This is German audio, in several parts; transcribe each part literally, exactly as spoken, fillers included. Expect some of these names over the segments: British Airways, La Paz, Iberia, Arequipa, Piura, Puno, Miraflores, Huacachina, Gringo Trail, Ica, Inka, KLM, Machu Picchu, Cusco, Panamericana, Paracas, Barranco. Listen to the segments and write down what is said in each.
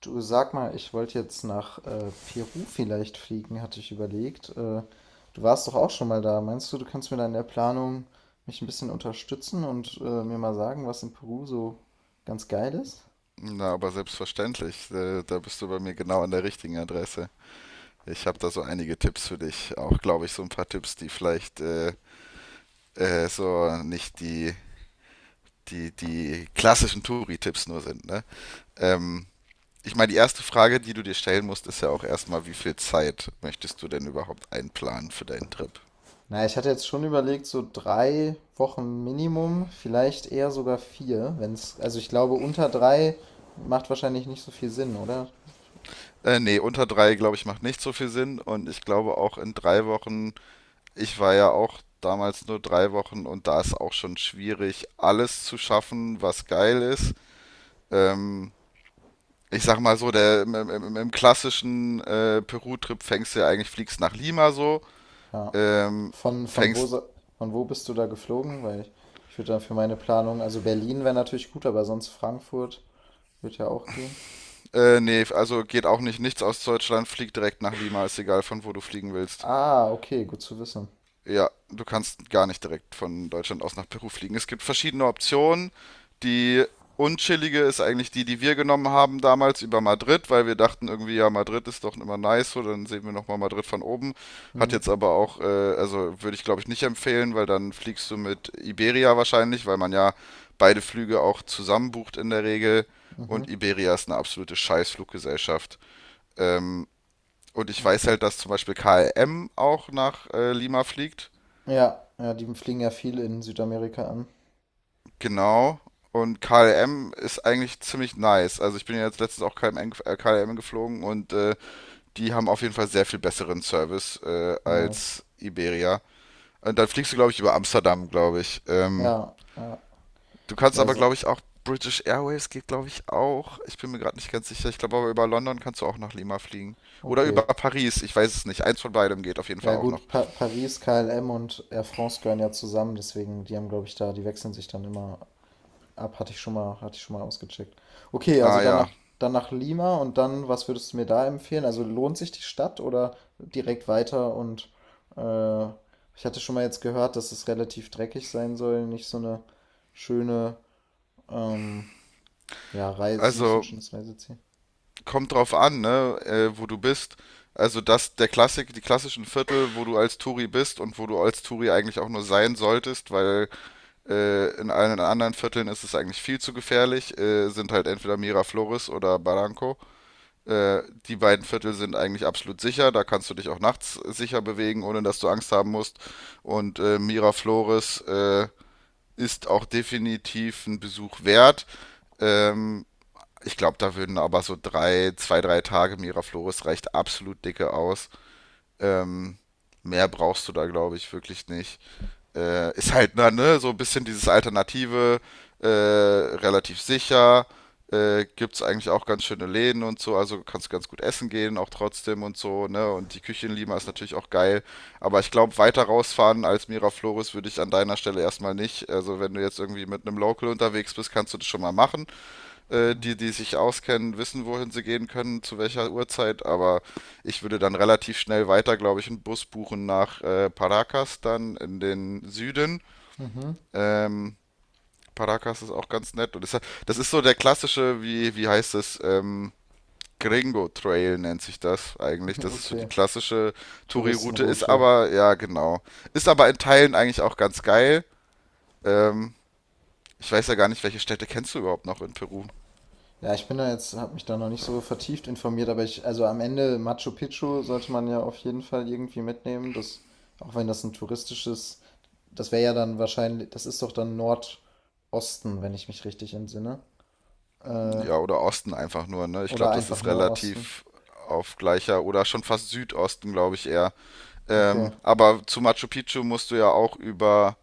Du, sag mal, ich wollte jetzt nach äh, Peru vielleicht fliegen, hatte ich überlegt. Äh, du warst doch auch schon mal da. Meinst du, du kannst mir da in der Planung mich ein bisschen unterstützen und äh, mir mal sagen, was in Peru so ganz geil ist? Na, aber selbstverständlich, äh, da bist du bei mir genau an der richtigen Adresse. Ich habe da so einige Tipps für dich. Auch, glaube ich, so ein paar Tipps, die vielleicht äh, äh, so nicht die, die, die klassischen Touri-Tipps nur sind, ne? Ähm, Ich meine, die erste Frage, die du dir stellen musst, ist ja auch erstmal, wie viel Zeit möchtest du denn überhaupt einplanen für deinen Trip? Naja, ich hatte jetzt schon überlegt, so drei Wochen Minimum, vielleicht eher sogar vier, wenn's, also ich glaube, unter drei macht wahrscheinlich nicht so viel Sinn, oder? Äh, nee, unter drei, glaube ich, macht nicht so viel Sinn. Und ich glaube auch in drei Wochen. Ich war ja auch damals nur drei Wochen und da ist auch schon schwierig, alles zu schaffen, was geil ist. Ähm, Ich sag mal so, der, im, im, im klassischen äh, Peru-Trip fängst du ja eigentlich, fliegst nach Lima so. Ja. ähm, Von, von wo, fängst, so- von wo bist du da geflogen? Weil ich, ich würde dann für meine Planung, also Berlin wäre natürlich gut, aber sonst Frankfurt wird ja auch gehen. Äh, nee, also geht auch nicht nichts aus Deutschland, flieg direkt nach Lima, ist egal von wo du fliegen willst. Ah, okay, gut zu wissen. Ja, du kannst gar nicht direkt von Deutschland aus nach Peru fliegen. Es gibt verschiedene Optionen. Die unchillige ist eigentlich die, die wir genommen haben damals über Madrid, weil wir dachten irgendwie, ja, Madrid ist doch immer nice, so dann sehen wir nochmal Madrid von oben. Hat Mhm, jetzt aber auch, äh, also würde ich glaube ich nicht empfehlen, weil dann fliegst du mit Iberia wahrscheinlich, weil man ja beide Flüge auch zusammen bucht in der Regel. mhm, Und Iberia ist eine absolute Scheißfluggesellschaft. Ähm, und ich weiß okay. halt, dass zum Beispiel K L M auch nach äh, Lima fliegt. Ja, ja, die fliegen ja viel in Südamerika an. Genau. Und K L M ist eigentlich ziemlich nice. Also ich bin ja jetzt letztens auch K L M, gef- äh, K L M geflogen und äh, die haben auf jeden Fall sehr viel besseren Service äh, Nice. als Iberia. Und dann fliegst du, glaube ich, über Amsterdam, glaube ich. Ähm, Ja, ja, Du kannst ja, aber, se- glaube ich, auch British Airways geht, glaube ich, auch. Ich bin mir gerade nicht ganz sicher. Ich glaube aber über London kannst du auch nach Lima fliegen. Oder okay. über Paris. Ich weiß es nicht. Eins von beidem geht auf jeden Fall Ja auch noch. gut, pa Paris, K L M und Air France gehören ja zusammen, deswegen, die haben, glaube ich, da, die wechseln sich dann immer ab, hatte ich schon mal, hatte ich schon mal ausgecheckt. Okay, also Ah dann nach, ja. dann nach Lima, und dann, was würdest du mir da empfehlen? Also lohnt sich die Stadt oder direkt weiter? Und äh, ich hatte schon mal jetzt gehört, dass es relativ dreckig sein soll, nicht so eine schöne, ähm, ja, Reise, nicht so ein Also schönes Reiseziel. kommt drauf an, ne, äh, wo du bist. Also das, der Klassik, die klassischen Viertel, wo du als Touri bist und wo du als Touri eigentlich auch nur sein solltest, weil äh, in allen anderen Vierteln ist es eigentlich viel zu gefährlich, äh, sind halt entweder Miraflores oder Barranco. Äh, die beiden Viertel sind eigentlich absolut sicher, da kannst du dich auch nachts sicher bewegen, ohne dass du Angst haben musst. Und äh, Miraflores äh, ist auch definitiv ein Besuch wert. Ähm, Ich glaube, da würden aber so drei, zwei, drei Tage Miraflores reicht absolut dicke aus. Ähm, Mehr brauchst du da, glaube ich, wirklich nicht. Äh, ist halt na, ne, so ein bisschen dieses Alternative, äh, relativ sicher. Äh, gibt es eigentlich auch ganz schöne Läden und so, also kannst du ganz gut essen gehen, auch trotzdem und so, ne? Und die Küche in Lima ist natürlich auch geil. Aber ich glaube, weiter rausfahren als Miraflores würde ich an deiner Stelle erstmal nicht. Also wenn du jetzt irgendwie mit einem Local unterwegs bist, kannst du das schon mal machen, äh, die, die sich auskennen, wissen, wohin sie gehen können, zu welcher Uhrzeit, aber ich würde dann relativ schnell weiter, glaube ich, einen Bus buchen nach äh, Paracas dann in den Süden. Mhm. Ähm, Paracas ist auch ganz nett und das, das ist so der klassische, wie, wie heißt es, ähm, Gringo Trail nennt sich das eigentlich. Das ist so die Okay, klassische Touri-Route, ist Touristenroute. aber, ja genau, ist aber in Teilen eigentlich auch ganz geil. Ähm, Ich weiß ja gar nicht, welche Städte kennst du überhaupt noch in Peru? Ja, ich bin da jetzt, habe mich da noch nicht so vertieft informiert, aber ich, also am Ende Machu Picchu sollte man ja auf jeden Fall irgendwie mitnehmen. Das, auch wenn das ein touristisches, das wäre ja dann wahrscheinlich, das ist doch dann Nordosten, wenn ich mich richtig entsinne. Äh, Ja, oder Osten einfach nur, ne? Ich oder glaube, das einfach ist nur Osten. relativ auf gleicher oder schon fast Südosten, glaube ich eher. Okay. Ähm, aber zu Machu Picchu musst du ja auch über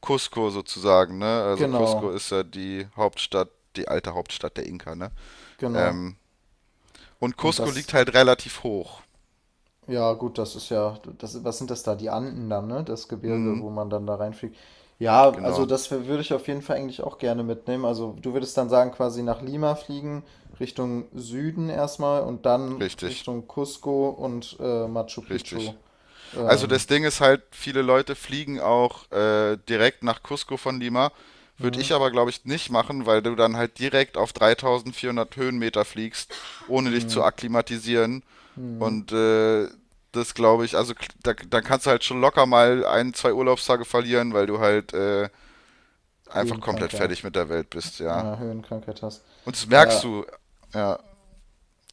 Cusco sozusagen, ne? Also Cusco Genau, ist ja die Hauptstadt, die alte Hauptstadt der Inka, ne? genau. Ähm, und Und Cusco das. liegt halt relativ hoch. Ja, gut, das ist ja, das, was sind das da? Die Anden dann, ne? Das Gebirge, Hm, wo man dann da reinfliegt. Ja, also genau, das wär- würde ich auf jeden Fall eigentlich auch gerne mitnehmen. Also du würdest dann sagen, quasi nach Lima fliegen, Richtung Süden erstmal und dann richtig, Richtung Cusco und äh, Machu Picchu. richtig. Also Ähm, das Ding ist halt, viele Leute fliegen auch äh, direkt nach Cusco von Lima. Würde ich hm, aber, glaube ich, nicht machen, weil du dann halt direkt auf dreitausendvierhundert Höhenmeter fliegst, ohne dich zu hm, akklimatisieren. hm, Und äh, das glaube ich, also kl- da, dann kannst du halt schon locker mal ein, zwei Urlaubstage verlieren, weil du halt äh, einfach komplett fertig Höhenkrankheit. mit der Welt bist, Äh, ja. Höhenkrankheit hast. Und das merkst Ja, du, ja,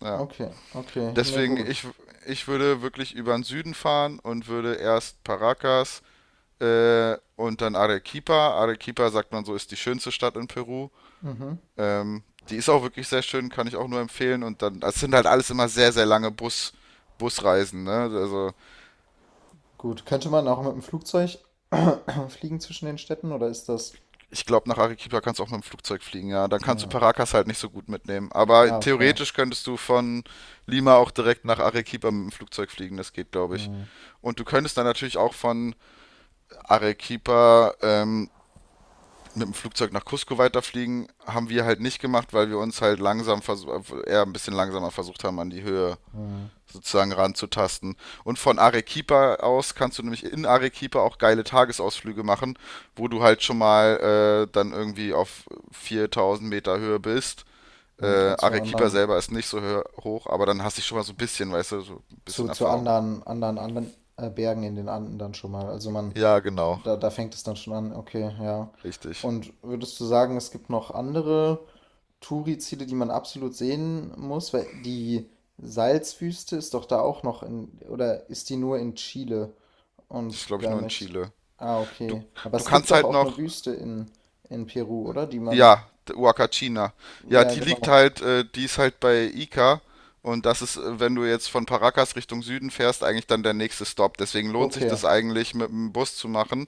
ja. okay, okay. Nee, Deswegen, gut. ich, ich würde wirklich über den Süden fahren und würde erst Paracas, Äh, und dann Arequipa. Arequipa, sagt man so, ist die schönste Stadt in Peru. Mhm. Ähm, Die ist auch wirklich sehr schön, kann ich auch nur empfehlen. Und dann, das sind halt alles immer sehr, sehr lange Bus, Busreisen, ne? Also, Gut. Könnte man auch mit dem Flugzeug fliegen zwischen den Städten oder ist das. ich glaube, nach Arequipa kannst du auch mit dem Flugzeug fliegen, ja. Dann kannst du Ja. Paracas halt nicht so gut mitnehmen. Ah, Aber okay. theoretisch könntest du von Lima auch direkt nach Arequipa mit dem Flugzeug fliegen, das geht, glaube ich. Hm, Und du könntest dann natürlich auch von Arequipa ähm, mit dem Flugzeug nach Cusco weiterfliegen, haben wir halt nicht gemacht, weil wir uns halt langsam versuch- eher ein bisschen langsamer versucht haben, an die Höhe hm. sozusagen ranzutasten. Und von Arequipa aus kannst du nämlich in Arequipa auch geile Tagesausflüge machen, wo du halt schon mal äh, dann irgendwie auf viertausend Meter Höhe bist. Äh, Mhm. Zu Arequipa anderen, selber ist nicht so hö- hoch, aber dann hast du schon mal so ein bisschen, weißt du, so ein zu, bisschen zu Erfahrung. anderen, anderen, anderen äh, Bergen in den Anden dann schon mal. Also man, Ja, genau, da, da fängt es dann schon an, okay, ja. richtig. Und würdest du sagen, es gibt noch andere Touri-Ziele, die man absolut sehen muss? Weil die Salzwüste ist doch da auch noch in, oder ist die nur in Chile Das ist, und glaube ich, gar nur in nicht. Chile. Ah, Du, okay. Aber du es gibt kannst doch halt auch eine noch, Wüste in, in Peru, oder? Die man. ja, Wakachina. Ja, Ja, die liegt genau. halt, äh, die ist halt bei Ica. Und das ist, äh, wenn du jetzt von Paracas Richtung Süden fährst, eigentlich dann der nächste Stop. Deswegen lohnt sich Okay. das eigentlich, mit dem Bus zu machen,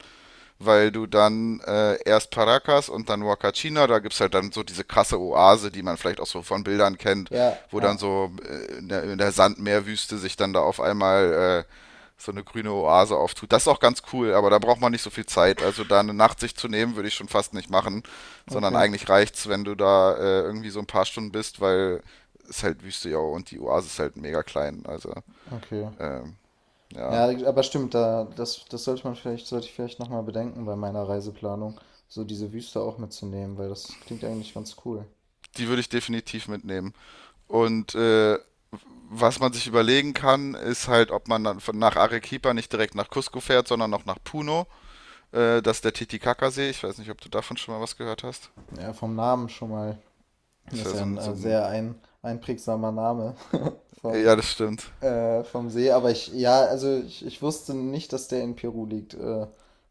weil du dann äh, erst Paracas und dann Huacachina, da gibt's halt dann so diese krasse Oase, die man vielleicht auch so von Bildern kennt, Ja, wo ja, dann so äh, in der, in der Sandmeerwüste sich dann da auf einmal äh, so eine grüne Oase auftut. Das ist auch ganz cool, aber da braucht man nicht so viel Zeit. Also da eine Nacht sich zu nehmen, würde ich schon fast nicht machen, sondern okay. eigentlich reicht's, wenn du da äh, irgendwie so ein paar Stunden bist, weil es halt Wüste ja und die Oase ist halt mega klein. Also Okay. ähm, ja, Ja, aber stimmt, da, das, das sollte man vielleicht, sollte ich vielleicht nochmal bedenken bei meiner Reiseplanung, so diese Wüste auch mitzunehmen, weil das klingt eigentlich ganz cool. die würde ich definitiv mitnehmen. Und äh, was man sich überlegen kann, ist halt, ob man dann von- nach Arequipa nicht direkt nach Cusco fährt, sondern noch nach Puno. Äh, das ist der Titicaca-See. Ich weiß nicht, ob du davon schon mal was gehört hast. Ja, vom Namen schon mal. Das Ist wäre ja so ein ein, so äh, ein. sehr ein, einprägsamer Name vom, Ja, das stimmt. äh, vom See. Aber ich, ja, also ich, ich wusste nicht, dass der in Peru liegt. Äh,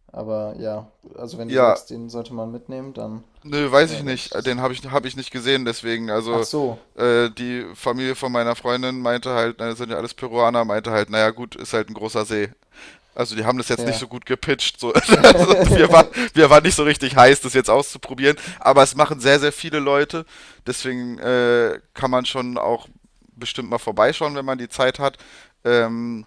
Aber ja, also wenn du Ja, sagst, den sollte man mitnehmen, dann nö, äh, weiß ich werde nicht. ich das. Den habe ich, hab ich nicht gesehen, deswegen. Ach Also, so, äh, die Familie von meiner Freundin meinte halt, na, das sind ja alles Peruaner, meinte halt, naja, gut, ist halt ein großer See. Also die haben das jetzt nicht fair. so gut gepitcht. So. Also wir, waren, wir waren nicht so richtig heiß, das jetzt auszuprobieren. Aber es machen sehr, sehr viele Leute. Deswegen äh, kann man schon auch bestimmt mal vorbeischauen, wenn man die Zeit hat. Ähm,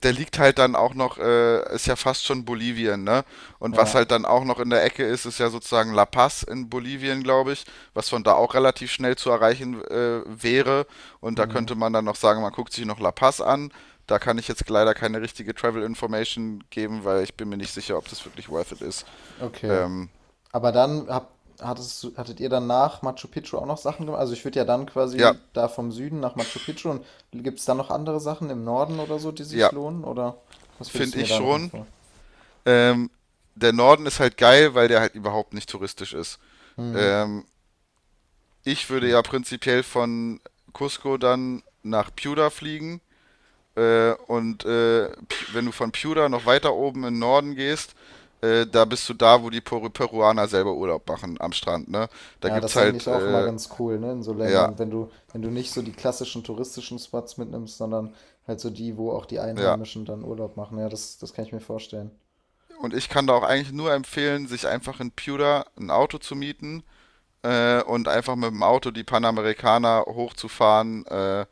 Da liegt halt dann auch noch, äh, ist ja fast schon Bolivien, ne? Und was Ja. halt dann auch noch in der Ecke ist, ist ja sozusagen La Paz in Bolivien, glaube ich, was von da auch relativ schnell zu erreichen äh, wäre. Und da Hm. könnte man dann noch sagen, man guckt sich noch La Paz an. Da kann ich jetzt leider keine richtige Travel Information geben, weil ich bin mir nicht sicher, ob das wirklich worth it ist. Okay. Ähm, Aber dann habt, hattest, hattet ihr dann nach Machu Picchu auch noch Sachen gemacht? Also ich würde ja dann ja, quasi da vom Süden nach Machu Picchu und gibt es dann noch andere Sachen im Norden oder so, die ja, sich lohnen? Oder was würdest finde du mir ich da noch schon. empfehlen? Ähm, der Norden ist halt geil, weil der halt überhaupt nicht touristisch ist. Mhm, Ähm, Ich würde stimmt. ja prinzipiell von Cusco dann nach Piura fliegen. Äh, und äh, P- wenn du von Piura noch weiter oben in den Norden gehst, äh, da bist du da, wo die Peru Peruaner selber Urlaub machen am Strand, ne? Da Ja, das gibt's ist halt, eigentlich auch immer äh, ganz cool, ne, in so ja, Ländern, wenn du, wenn du nicht so die klassischen touristischen Spots mitnimmst, sondern halt so die, wo auch die ja. Einheimischen dann Urlaub machen. Ja, das, das kann ich mir vorstellen. Und ich kann da auch eigentlich nur empfehlen, sich einfach in Piura ein Auto zu mieten äh, und einfach mit dem Auto die Panamericana hochzufahren, äh,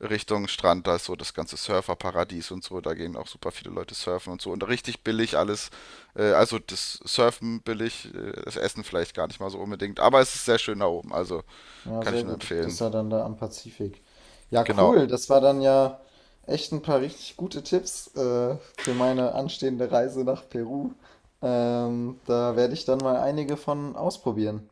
Richtung Strand. Da ist so das ganze Surferparadies und so. Da gehen auch super viele Leute surfen und so. Und richtig billig alles. Äh, also das Surfen billig, äh, das Essen vielleicht gar nicht mal so unbedingt. Aber es ist sehr schön da oben. Also Ja, kann sehr ich nur gut. Das ist empfehlen. ja dann da am Pazifik. Ja, Genau. cool. Das war dann ja echt ein paar richtig gute Tipps äh, für meine anstehende Reise nach Peru. Ähm, da werde ich dann mal einige von ausprobieren.